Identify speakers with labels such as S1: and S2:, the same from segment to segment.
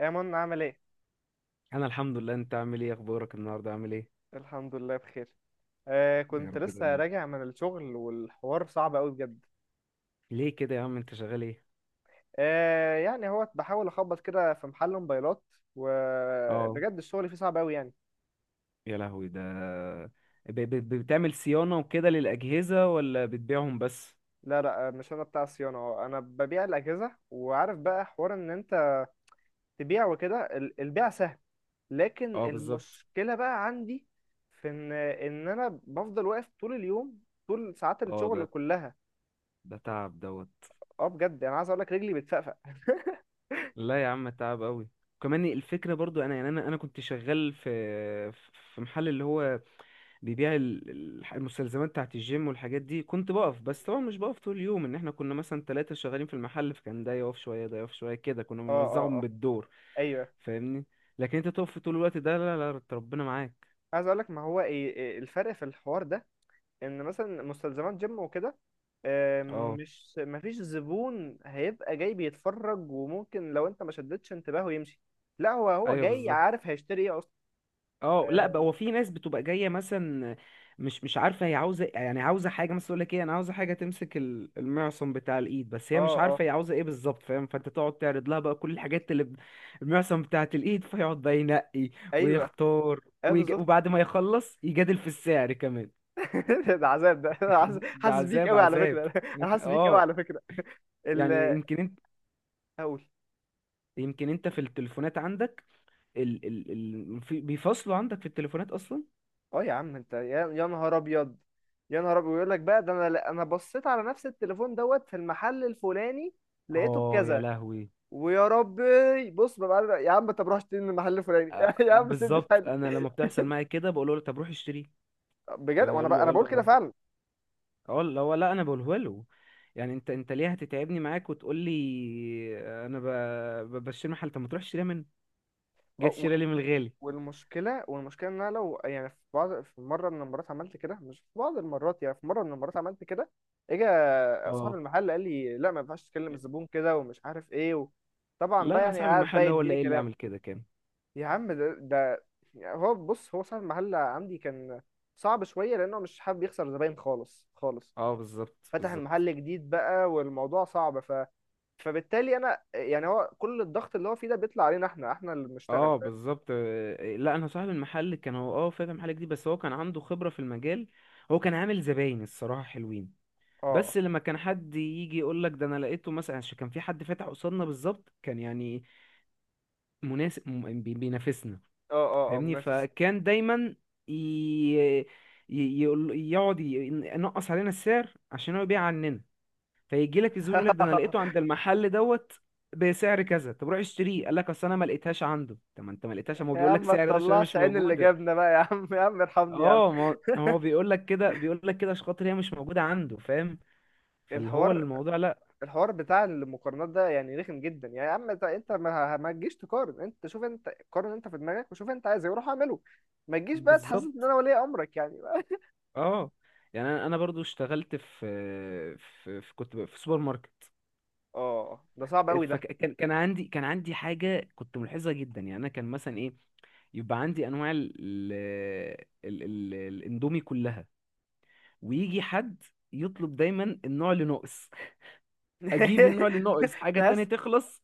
S1: يا منى عامل ايه؟
S2: انا الحمد لله. انت عامل ايه؟ اخبارك النهارده عامل ايه؟
S1: الحمد لله بخير.
S2: ده يا
S1: كنت
S2: رب
S1: لسه
S2: دايما.
S1: راجع من الشغل والحوار صعب قوي بجد.
S2: ليه كده يا عم، انت شغال ايه؟
S1: يعني هو بحاول اخبط كده في محل موبايلات،
S2: اه
S1: وبجد الشغل فيه صعب قوي يعني.
S2: يا لهوي ده. ب ب بتعمل صيانه وكده للاجهزه ولا بتبيعهم بس؟
S1: لا مش انا بتاع الصيانة، هو انا ببيع الاجهزة. وعارف بقى حوار ان انت تبيع وكده، البيع سهل، لكن
S2: اه بالظبط.
S1: المشكلة بقى عندي في ان انا بفضل واقف طول اليوم، طول ساعات
S2: اه، ده
S1: الشغل كلها.
S2: ده تعب دوت.
S1: اه بجد انا عايز اقول لك رجلي بتفقفق
S2: لا يا عم، تعب قوي. كمان الفكره برضو انا، انا كنت شغال في محل اللي هو بيبيع المستلزمات بتاعت الجيم والحاجات دي. كنت بقف، بس طبعا مش بقف طول اليوم، ان احنا كنا مثلا ثلاثة شغالين في المحل، فكان ده يقف شوية ده يقف شوية كده، كنا
S1: اه اه
S2: بنوزعهم
S1: اه
S2: بالدور.
S1: ايوه.
S2: فاهمني؟ لكن انت تقف طول الوقت ده؟ لا لا، ربنا معاك.
S1: عايز اقول لك ما هو ايه الفرق في الحوار ده، ان مثلا مستلزمات جيم وكده
S2: اه
S1: مش ما فيش زبون هيبقى جاي بيتفرج وممكن لو انت ما شدتش انتباهه يمشي. لا هو
S2: ايوه
S1: جاي
S2: بالظبط.
S1: عارف هيشتري ايه اصلا.
S2: اه لا بقى، هو في ناس بتبقى جايه مثلا مش عارفه هي عاوزه، يعني عاوزه حاجه مثلا، تقول لك ايه، انا عاوزه حاجه تمسك المعصم بتاع الايد، بس
S1: اه
S2: هي مش
S1: اه آه،
S2: عارفه هي عاوزه ايه بالظبط، فاهم؟ فانت تقعد تعرض لها بقى كل الحاجات اللي المعصم بتاعت الايد، فيقعد بقى ينقي
S1: ايوه.
S2: ويختار
S1: اه بالظبط.
S2: وبعد ما يخلص يجادل في السعر كمان.
S1: ده عذاب، ده أنا حاسس
S2: ده
S1: حاسس بيك
S2: عذاب
S1: قوي على
S2: عذاب.
S1: فكره انا حاسس بيك قوي على
S2: اه.
S1: فكره.
S2: يعني
S1: ال-
S2: يمكن انت،
S1: اقول
S2: في التليفونات عندك ال... ال... بيفصلوا عندك في التليفونات اصلا؟
S1: اه يا عم انت، يا نهار ابيض، يا نهار ابيض، يقول لك بقى ده انا بصيت على نفس التليفون دوت في المحل الفلاني لقيته
S2: اه يا
S1: بكذا.
S2: لهوي.
S1: ويا ربي بص، ببقى يا عم طب روح اشتري من المحل الفلاني يا عم سيبني في
S2: بالظبط
S1: حالي.
S2: انا لما بتحصل معايا كده بقول له طب روح اشتريه.
S1: بجد
S2: يعني
S1: وانا بقى انا بقول كده فعلا.
S2: اقول له، هو لا انا بقوله له، يعني انت ليه هتتعبني معاك وتقول لي انا بشتري محل، طب ما تروح اشتريها منه،
S1: أه،
S2: جاي
S1: و-
S2: تشتريها لي من الغالي.
S1: والمشكله ان انا لو يعني في مره من المرات عملت كده، مش في بعض المرات، يعني في مره من المرات عملت كده، اجى صاحب
S2: اه
S1: المحل قال لي لا، ما ينفعش تكلم الزبون كده، ومش عارف ايه طبعا
S2: لا،
S1: بقى
S2: انا
S1: يعني
S2: صاحب
S1: قعد بقى
S2: المحل هو اللي
S1: يديني
S2: ايه اللي
S1: كلام.
S2: عامل كده كان.
S1: يا عم ده، يعني هو بص، هو صاحب المحل عندي كان صعب شويه لانه مش حابب يخسر زباين خالص خالص،
S2: اه بالظبط
S1: فتح
S2: بالظبط.
S1: المحل جديد بقى والموضوع صعب فبالتالي انا يعني هو كل الضغط اللي هو فيه ده بيطلع علينا، احنا اللي بنشتغل
S2: اه
S1: فاهم.
S2: بالظبط. لا انا صاحب المحل كان هو اه فاتح محل جديد، بس هو كان عنده خبرة في المجال. هو كان عامل زباين الصراحة حلوين.
S1: اه
S2: بس لما كان حد يجي يقول لك ده انا لقيته مثلا، عشان كان في حد فاتح قصادنا بالظبط، كان يعني مناسب، بينافسنا.
S1: اه اه
S2: فاهمني؟
S1: منافس.
S2: فكان دايما ي... ي... يقول... يقعد ي- ينقص علينا السعر عشان هو يبيع عننا. فيجي لك الزبون يقول لك ده انا لقيته عند المحل دوت بسعر كذا، طب روح اشتريه. قال لك اصل انا ما لقيتهاش عنده. طب ما انت ما لقيتهاش، ما هو
S1: يا
S2: بيقول لك
S1: عم ما
S2: سعر ده عشان هي
S1: تطلعش
S2: مش
S1: عين اللي
S2: موجوده.
S1: جابنا بقى، يا عم، يا عم ارحمني يا عم.
S2: اه، ما هو بيقول لك كده، بيقول لك كده عشان خاطر هي مش موجوده عنده، فاهم؟ فاللي هو
S1: الحوار
S2: الموضوع لا.
S1: الحوار بتاع المقارنات ده يعني رخم جدا. يعني يا عم انت ما, ما تجيش تقارن، انت شوف، انت قارن انت في دماغك وشوف انت عايز ايه وروح اعمله، ما تجيش بقى تحسس ان
S2: بالظبط.
S1: انا ولي امرك يعني
S2: اه يعني انا برضو اشتغلت في، كنت في سوبر ماركت.
S1: اه ده صعب قوي ده.
S2: فكان، كان عندي حاجه كنت ملحظه جدا، يعني انا كان مثلا ايه، يبقى عندي انواع ال ال ال الاندومي كلها، ويجي حد يطلب دايما النوع اللي ناقص. اجيب النوع اللي ناقص، حاجه تانية
S1: تحس.
S2: تخلص،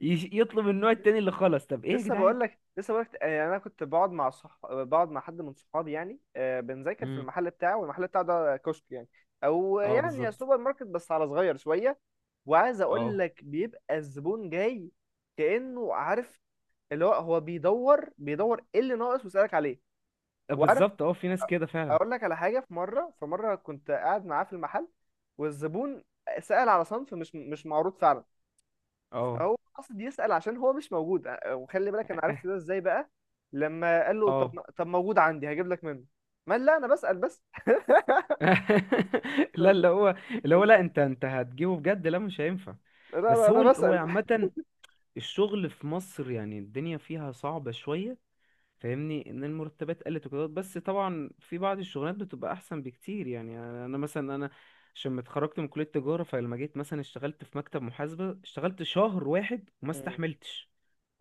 S2: يطلب النوع التاني اللي خلص. طب ايه يا
S1: لسه
S2: جدعان؟
S1: بقول لك، لسه بقول لك يعني انا كنت بقعد مع بقعد مع حد من صحابي يعني بنذاكر في
S2: امم
S1: المحل بتاعه، والمحل بتاعه ده كشك يعني، او
S2: اه
S1: يعني
S2: بالظبط.
S1: سوبر ماركت بس على صغير شويه. وعايز اقول
S2: اه
S1: لك بيبقى الزبون جاي كانه عارف، اللي هو بيدور، بيدور ايه اللي ناقص ويسالك عليه وعارف.
S2: بالظبط، اه في ناس كده فعلا.
S1: اقول لك على حاجه، في مره كنت قاعد معاه في المحل، والزبون سأل على صنف مش معروض فعلا،
S2: اه.
S1: هو قصد يسأل عشان هو مش موجود. وخلي بالك انا عرفت ده ازاي بقى، لما قال له
S2: اه.
S1: طب موجود عندي هجيب لك منه، ما قال لا انا بسأل بس
S2: لا، اللي هو لا،
S1: لا
S2: انت هتجيبه بجد؟ لا مش هينفع.
S1: لا
S2: بس
S1: انا
S2: هو
S1: بسأل.
S2: عامة الشغل في مصر يعني الدنيا فيها صعبة شوية، فاهمني؟ ان المرتبات قلت وكده، بس طبعا في بعض الشغلات بتبقى احسن بكتير. يعني، انا مثلا، انا عشان ما اتخرجت من كلية تجارة، فلما جيت مثلا اشتغلت في مكتب محاسبة اشتغلت شهر واحد وما
S1: مم.
S2: استحملتش.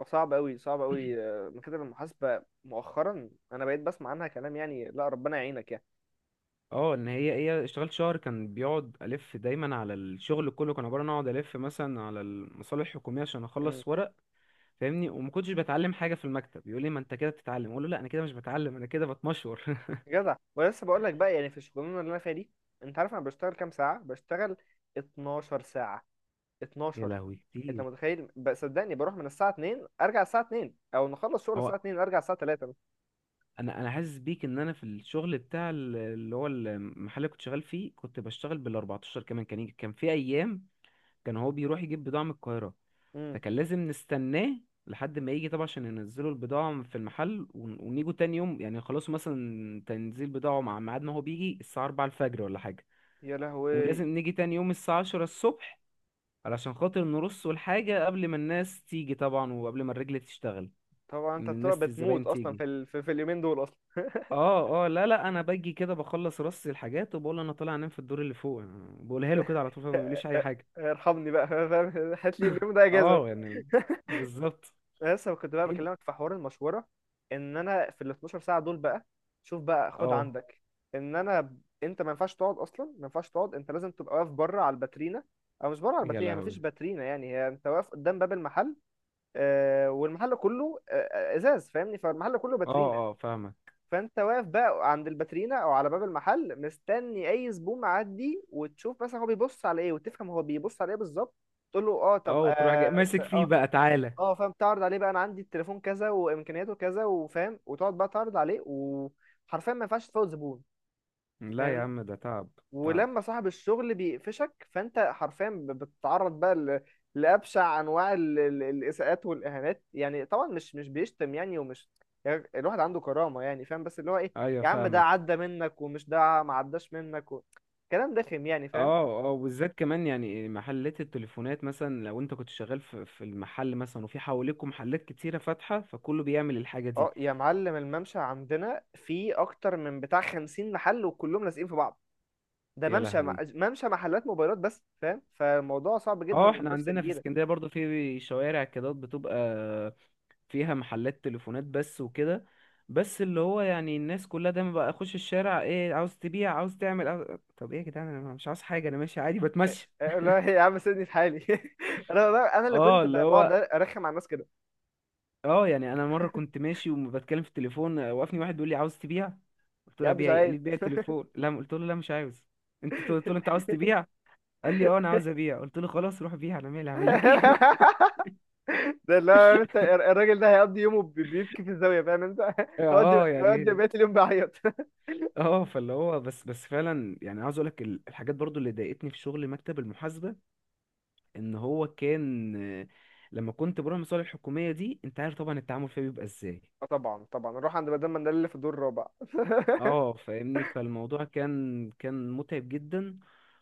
S1: صعب قوي، صعب قوي مكاتب المحاسبة مؤخرا انا بقيت بسمع عنها كلام يعني، لا ربنا يعينك يعني.
S2: اه، ان هي ايه، اشتغلت شهر كان بيقعد الف دايما على الشغل، كله كان عبارة عن اقعد الف مثلا على المصالح الحكومية عشان
S1: مم.
S2: اخلص ورق، فاهمني؟ وما كنتش بتعلم حاجه في المكتب. يقول لي ما انت كده بتتعلم، اقول له لا انا كده مش بتعلم، انا كده بتمشور.
S1: جدع، ولسه بقول لك بقى، يعني في الشغلانة اللي انا فيها دي انت عارف انا بشتغل كام ساعة؟ بشتغل 12 ساعة،
S2: يا
S1: 12.
S2: لهوي
S1: انت
S2: كتير.
S1: متخيل؟ صدقني بروح من الساعه 2 ارجع الساعه 2، او نخلص شغل
S2: هو،
S1: الساعه 2 ارجع الساعه 3 بس.
S2: انا حاسس بيك. ان انا في الشغل بتاع اللي هو المحل اللي كنت شغال فيه، كنت بشتغل بال 14، كمان كان كان في ايام كان هو بيروح يجيب بضاعه من القاهره،
S1: امم.
S2: فكان لازم نستناه لحد ما يجي طبعا، عشان ينزلوا البضاعه في المحل ونيجوا تاني يوم. يعني خلاص مثلا تنزيل بضاعه مع ميعاد، ما هو بيجي الساعه 4 الفجر ولا حاجه،
S1: يا لهوي.
S2: ولازم نيجي تاني يوم الساعة عشرة الصبح علشان خاطر نرص الحاجة قبل ما الناس تيجي طبعا، وقبل ما الرجل تشتغل،
S1: طبعا انت
S2: ان
S1: بتبقى
S2: الناس
S1: بتموت
S2: الزباين
S1: اصلا
S2: تيجي.
S1: في في اليومين دول اصلا.
S2: اه اه، لا لا، انا باجي كده بخلص رص الحاجات وبقول انا طالع انام في الدور اللي فوق، بقولها له كده على طول فما بيقوليش اي حاجة.
S1: ارحمني بقى فاهم، هات لي اليوم ده اجازه
S2: اه يعني بالظبط.
S1: لسه كنت بقى
S2: انت.
S1: بكلمك في حوار المشوره، ان انا في ال 12 ساعه دول بقى. شوف بقى، خد
S2: اه
S1: عندك ان انا، انت ما ينفعش تقعد اصلا، ما ينفعش تقعد، انت لازم تبقى واقف بره على الباترينا، او مش بره على
S2: يا
S1: الباترينا، هي ما فيش
S2: لهوي.
S1: باترينا، يعني هي انت واقف قدام باب المحل والمحل كله ازاز، فاهمني، فالمحل كله
S2: اه
S1: باترينا.
S2: اه فاهمك.
S1: فانت واقف بقى عند الباترينا او على باب المحل مستني اي زبون معدي، وتشوف مثلا هو بيبص على ايه، وتفهم هو بيبص على ايه بالظبط، تقول له اه طب
S2: اه، وتروح
S1: اه
S2: جاي ماسك فيه
S1: اه
S2: بقى تعالى.
S1: فاهم، تعرض عليه بقى، انا عندي التليفون كذا وامكانياته كذا وفاهم، وتقعد بقى تعرض عليه، وحرفيا ما ينفعش تفوت زبون،
S2: لا يا
S1: فاهمني.
S2: عم ده تعب تعب.
S1: ولما صاحب الشغل بيقفشك فانت حرفيا بتتعرض بقى لابشع انواع الاساءات والاهانات، يعني طبعا مش بيشتم يعني، ومش، يعني الواحد عنده كرامه يعني، فاهم، بس اللي هو ايه،
S2: ايوه
S1: يا عم ده
S2: فاهمك.
S1: عدى منك، ومش ده ما عداش منك كلام دخم يعني، فاهم.
S2: اه اه، وبالذات كمان يعني محلات التليفونات مثلا، لو انت كنت شغال في المحل مثلا وفي حواليكوا محلات كتيرة فاتحة، فكله بيعمل الحاجة
S1: اه
S2: دي.
S1: يا معلم، الممشى عندنا فيه اكتر من بتاع 50 محل، وكلهم لازقين في بعض. ده
S2: يا
S1: ممشى
S2: لهوي.
S1: ممشى محلات موبايلات بس فاهم، فالموضوع صعب جدا،
S2: اه، احنا
S1: ومنافسه
S2: عندنا في
S1: كبيره.
S2: اسكندرية برضو في شوارع كده بتبقى فيها محلات تليفونات بس وكده. بس اللي هو يعني الناس كلها دايما بقى، اخش الشارع، ايه عاوز تبيع عاوز تعمل عاوز... طب ايه يا جدعان، انا مش عاوز حاجة، انا ماشي عادي بتمشى.
S1: لا يا عم سيبني في حالي انا اللي
S2: اه
S1: كنت
S2: اللي
S1: بقعد
S2: هو،
S1: ارخم على الناس كده.
S2: اه، يعني انا مره كنت ماشي وبتكلم في التليفون، وقفني واحد بيقول لي عاوز تبيع. قلت
S1: يا
S2: له
S1: عم مش
S2: ابيع ايه؟ قال
S1: عايز.
S2: لي بيع التليفون. لا قلت له لا مش عاوز. انت قلت له انت عاوز تبيع؟ قال لي اه انا عاوز ابيع. قلت له خلاص روح بيع، انا مالي، هعمل لك ايه؟
S1: ده لا، انت الراجل ده هيقضي يومه بيبكي في الزاويه، فاهم انت؟
S2: اه
S1: هيقضي
S2: يعني،
S1: بقيه اليوم بيعيط
S2: اه، فاللي هو بس فعلا، يعني عاوز اقولك الحاجات برضو اللي ضايقتني في شغل مكتب المحاسبة. ان هو كان، آه، لما كنت بروح المصالح الحكومية دي انت عارف طبعا التعامل فيها بيبقى ازاي.
S1: آه طبعا طبعا، نروح عند مدام مندل اللي في الدور الرابع.
S2: اه فاهمني، فالموضوع كان متعب جدا.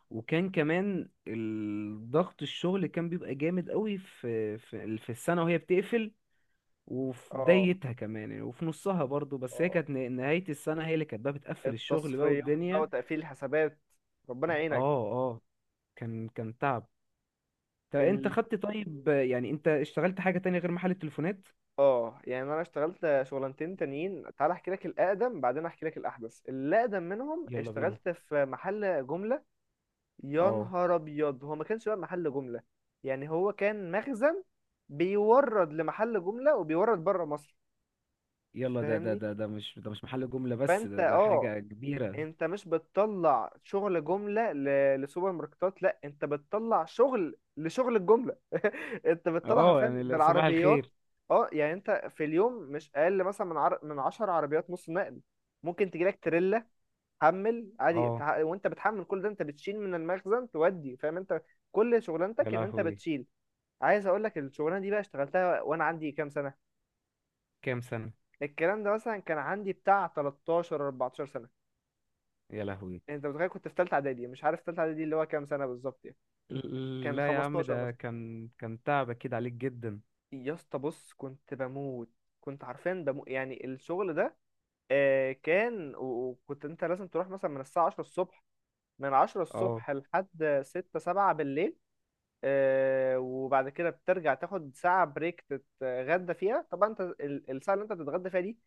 S2: وكان كمان الضغط، الشغل كان بيبقى جامد قوي في السنة وهي بتقفل، وفي
S1: اه
S2: بدايتها كمان يعني، وفي نصها برضو، بس هي
S1: اه
S2: كانت نهاية السنة هي اللي كانت بقى بتقفل الشغل بقى
S1: التصفيات بقى
S2: والدنيا.
S1: وتقفيل الحسابات، ربنا يعينك.
S2: اه اه كان تعب. طب انت
S1: ال...
S2: خدت طيب، يعني انت اشتغلت حاجة تانية غير محل التليفونات؟
S1: اه يعني انا اشتغلت شغلانتين تانيين، تعال احكي لك الاقدم بعدين احكي لك الاحدث. الاقدم منهم
S2: يلا بينا.
S1: اشتغلت في محل جمله. يا
S2: اه
S1: نهار ابيض، هو ما كانش بقى محل جمله يعني، هو كان مخزن بيورد لمحل جمله وبيورد بره مصر،
S2: يلا، ده ده
S1: فاهمني.
S2: ده ده مش ده، مش محل جملة بس،
S1: فانت
S2: ده
S1: اه،
S2: حاجة كبيرة.
S1: انت مش بتطلع شغل جمله لسوبر ماركتات، لا انت بتطلع شغل لشغل الجمله. انت بتطلع
S2: اه
S1: حرفيا
S2: يعني صباح
S1: بالعربيات.
S2: الخير.
S1: اه، يعني انت في اليوم مش اقل مثلا من من 10 عربيات نص نقل، ممكن تجيلك تريلا، حمل عادي،
S2: اه
S1: وانت بتحمل كل ده، انت بتشيل من المخزن تودي، فاهم انت؟ كل
S2: يا
S1: شغلانتك ان انت
S2: لهوي.
S1: بتشيل. عايز اقول لك الشغلانه دي بقى اشتغلتها وانا عندي كام سنه؟
S2: كام سنة؟
S1: الكلام ده مثلا كان عندي بتاع 13 14 سنه.
S2: يا لهوي.
S1: انت متخيل، كنت في ثالثه اعدادي، مش عارف ثالثه اعدادي اللي هو كام سنه بالظبط يعني، كان
S2: لا يا عم
S1: 15
S2: ده
S1: مثلا.
S2: كان تعب اكيد عليك جدا.
S1: يا اسطى بص، كنت بموت، كنت حرفيا بموت يعني الشغل ده. آه كان، وكنت انت لازم تروح مثلا من الساعه 10 الصبح، من 10
S2: اه
S1: الصبح لحد 6 7 بالليل وبعد كده بترجع تاخد ساعة بريك تتغدى فيها، طبعا انت الساعة اللي انت بتتغدى فيها دي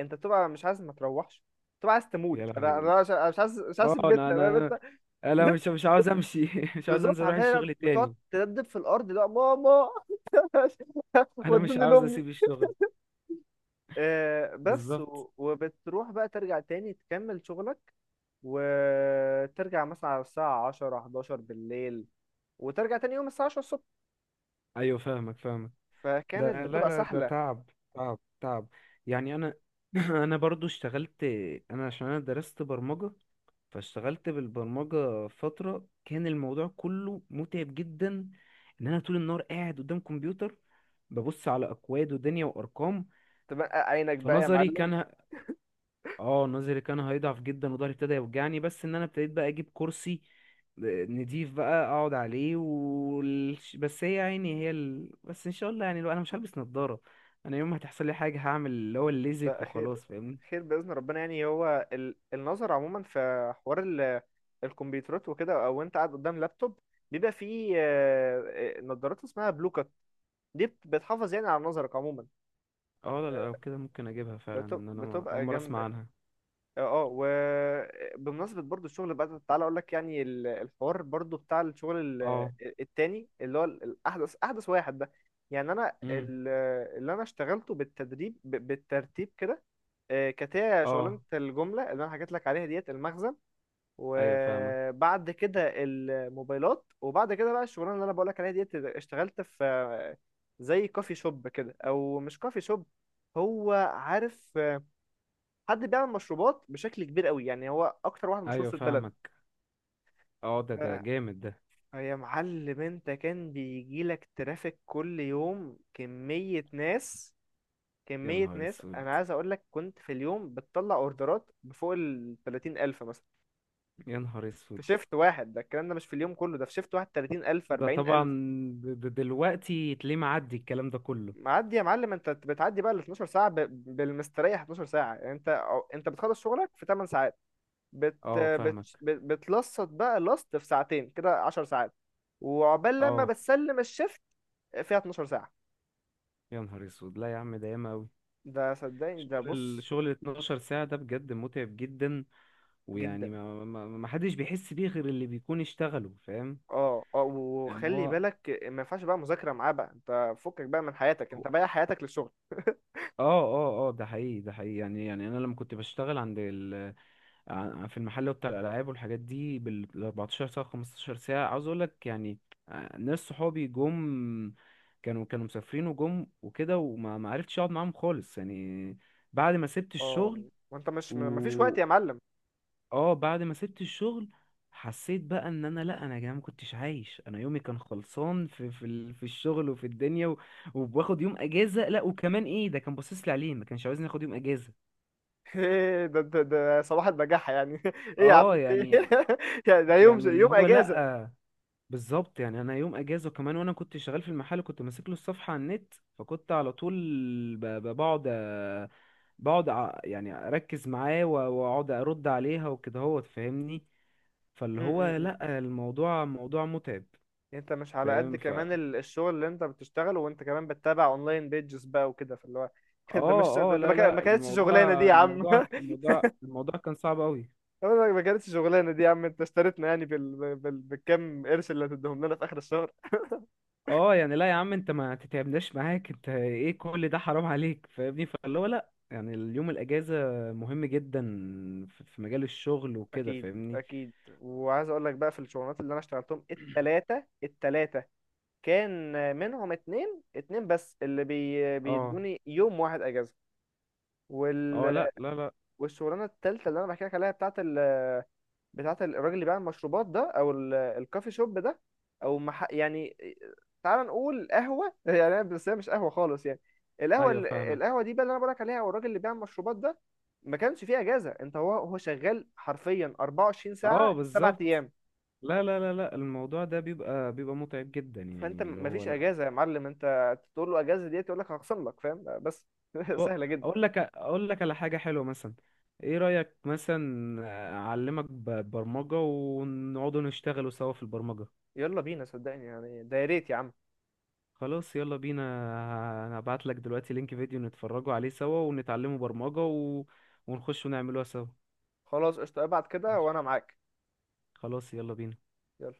S1: انت بتبقى مش عايز ما تروحش، بتبقى عايز
S2: يا
S1: تموت. انا
S2: لهوي.
S1: انا مش أنا مش عايز، مش عايز
S2: اه
S1: اسيب
S2: انا
S1: بيتنا، فاهم
S2: انا
S1: انت؟
S2: انا مش مش عاوز امشي. مش عاوز
S1: بالظبط،
S2: انزل اروح
S1: حرفيا
S2: الشغل
S1: بتقعد
S2: تاني.
S1: تدبدب في الارض، اللي هو ماما
S2: انا مش
S1: ودوني
S2: عاوز
S1: لامي.
S2: اسيب الشغل. بالظبط.
S1: وبتروح بقى ترجع تاني تكمل شغلك، وترجع مثلا على الساعة 10 11 بالليل، وترجع تاني يوم الساعة 10 الصبح،
S2: ايوه فاهمك فاهمك. ده
S1: فكانت
S2: لا
S1: بتبقى
S2: لا ده
S1: سهلة.
S2: تعب تعب تعب. يعني انا انا برضو اشتغلت، انا عشان انا درست برمجة، فاشتغلت بالبرمجة فترة كان الموضوع كله متعب جدا. ان انا طول النهار قاعد قدام كمبيوتر ببص على اكواد ودنيا وارقام،
S1: تبقى عينك
S2: في
S1: بقى يا
S2: نظري
S1: معلم.
S2: كان ه- اه نظري كان هيضعف جدا، وضهري ابتدى يوجعني، بس ان انا ابتديت بقى اجيب كرسي نضيف بقى اقعد عليه بس هي عيني هي بس ان شاء الله يعني، لو انا مش هلبس نظارة انا يوم ما هتحصل لي حاجة هعمل اللي هو الليزك
S1: لا خير،
S2: وخلاص، فاهمني؟
S1: خير بإذن ربنا. يعني هو النظر عموما في حوار الكمبيوترات وكده، او انت قاعد قدام لابتوب، بيبقى فيه نظارات اسمها بلوكات، دي بتحافظ يعني على نظرك عموما،
S2: اه لا لا، لو كده ممكن اجيبها فعلا، ان انا اول
S1: بتبقى
S2: مرة اسمع
S1: جامدة.
S2: عنها.
S1: اه وبمناسبة برضو الشغل بقى تعالى اقول لك، يعني الحوار برضو بتاع الشغل ال-
S2: اه.
S1: التاني، اللي هو الاحدث، احدث واحد ده، يعني انا
S2: امم
S1: اللي انا اشتغلته بالتدريب بالترتيب كده كانت هي
S2: اه
S1: شغلانة الجملة اللي أنا حكيت لك عليها ديت المخزن،
S2: ايوه فاهمك.
S1: وبعد كده الموبايلات، وبعد كده بقى الشغلانة اللي أنا بقول لك عليها ديت، اشتغلت في زي كوفي شوب كده، أو مش كوفي شوب، هو عارف حد بيعمل مشروبات بشكل كبير قوي يعني، هو أكتر واحد مشهور
S2: ايوه
S1: في البلد.
S2: فاهمك. اه، ده
S1: ف-
S2: جامد ده.
S1: يا معلم، أنت كان بيجيلك ترافيك كل يوم، كمية ناس،
S2: يا
S1: كمية
S2: نهار
S1: ناس، أنا
S2: اسود.
S1: عايز أقول لك كنت في اليوم بتطلع أوردرات بفوق ال 30 ألف مثلا
S2: يا نهار اسود.
S1: في شيفت واحد، ده الكلام ده مش في اليوم كله، ده في شيفت واحد، 30,000
S2: ده طبعا
S1: 40,000.
S2: دلوقتي تلاقيه معدي الكلام ده كله.
S1: معدي يا معلم، انت بتعدي بقى ال 12 ساعه بالمستريح 12 ساعه، يعني انت انت بتخلص شغلك في 8 ساعات،
S2: اه فاهمك.
S1: بتلصت بقى لصت في ساعتين كده 10 ساعات، وعقبال لما
S2: اه
S1: بتسلم الشيفت فيها 12 ساعه.
S2: يا نهار اسود. لا يا عم ده ياما اوي.
S1: ده صدقني، ده
S2: شغل،
S1: بص،
S2: الشغل ال 12 ساعة ده بجد متعب جدا،
S1: جدا.
S2: ويعني ما حدش بيحس بيه غير اللي بيكون اشتغله، فاهم؟
S1: اه
S2: يعني
S1: وخلي
S2: هو.
S1: بالك، ما ينفعش بقى مذاكره معاه بقى، انت فكك بقى من حياتك،
S2: هو-
S1: انت بايع حياتك للشغل
S2: اه اه اه ده حقيقي ده حقيقي، يعني، انا لما كنت بشتغل في المحل بتاع الالعاب والحاجات دي بال 14 ساعه 15 ساعه، عاوز اقول لك يعني ناس صحابي جم، كانوا مسافرين وجم وكده، وما ما عرفتش اقعد معاهم خالص، يعني بعد ما سبت
S1: اه.
S2: الشغل.
S1: وانت مش مفيش وقت
S2: و
S1: يا معلم.
S2: اه بعد ما سبت الشغل حسيت بقى ان انا لا، انا يا جماعه ما كنتش عايش، انا يومي كان خلصان في في الشغل وفي الدنيا و... وباخد يوم اجازه، لا وكمان ايه ده كان باصص لي عليه ما كانش عاوزني اخد يوم اجازه.
S1: ايه ده، صباح البجاحة يعني ايه يا عم
S2: اه
S1: في إيه؟
S2: يعني،
S1: يعني ده يوم،
S2: اللي
S1: يوم
S2: هو
S1: اجازة.
S2: لا بالظبط. يعني انا يوم اجازه كمان وانا كنت شغال في المحل كنت ماسك له الصفحه على النت، فكنت على طول ب- ب- بقعد أ- يعني اركز معاه واقعد ارد عليها وكده هو، تفهمني؟ فاللي هو
S1: م.
S2: لا الموضوع موضوع متعب.
S1: انت مش على قد
S2: فاهم ف
S1: كمان الشغل اللي انت بتشتغله، وانت كمان بتتابع اونلاين بيجز بقى وكده، فاللي هو ده مش،
S2: اه
S1: ده
S2: اه
S1: ده ما
S2: لا
S1: كان- ما
S2: لا،
S1: كانتش شغلانة دي
S2: الموضوع
S1: يا عم
S2: الموضوع الموضوع الموضوع كان صعب قوي.
S1: أقول لك ما كانتش شغلانة دي يا عم، انت اشتريتنا يعني بالكم قرش اللي هتديهم لنا في اخر الشهر.
S2: اه يعني لا يا عم انت ما تتعبناش معاك، انت ايه كل ده حرام عليك، فاهمني؟ فاللي هو لا، يعني اليوم الاجازه مهم جدا في مجال الشغل وكده،
S1: اكيد
S2: فاهمني؟
S1: اكيد. وعايز اقول لك بقى في الشغلانات اللي انا اشتغلتهم التلاتة، كان منهم اتنين بس اللي
S2: اه
S1: بيدوني يوم واحد اجازه،
S2: اه
S1: وال...
S2: لا لا لا.
S1: والشغلانه التالتة اللي انا بحكي لك عليها بتاعت بتاعت الراجل اللي بيعمل المشروبات ده، او الكافي شوب ده، او يعني تعال نقول قهوه يعني، بس هي مش قهوه خالص يعني. القهوه
S2: ايوه فاهمك.
S1: القهوه دي بقى اللي انا بقولك عليها، او الراجل اللي بيعمل المشروبات ده، ما كانش فيه اجازه، انت هو شغال حرفيا 24
S2: اه
S1: ساعه سبع
S2: بالظبط.
S1: ايام.
S2: لا لا لا لا، الموضوع ده بيبقى متعب جدا
S1: فانت
S2: يعني اللي هو
S1: مفيش
S2: لا.
S1: اجازه يا معلم، انت تقول له اجازه ديت يقول لك هخصم لك، فاهم بس
S2: هو-
S1: سهله جدا.
S2: اقول لك، على حاجه حلوه مثلا، ايه رايك مثلا اعلمك برمجه ونقعدوا نشتغلوا سوا في البرمجه؟
S1: يلا بينا صدقني يعني، ده يا ريت يا عم.
S2: خلاص يلا بينا. انا هبعت لك دلوقتي لينك فيديو نتفرجوا عليه سوا، ونتعلموا برمجة و... ونخش ونعملوها سوا.
S1: خلاص قشطة، ابعت كده
S2: ماشي.
S1: وانا معاك.
S2: خلاص يلا بينا.
S1: يلا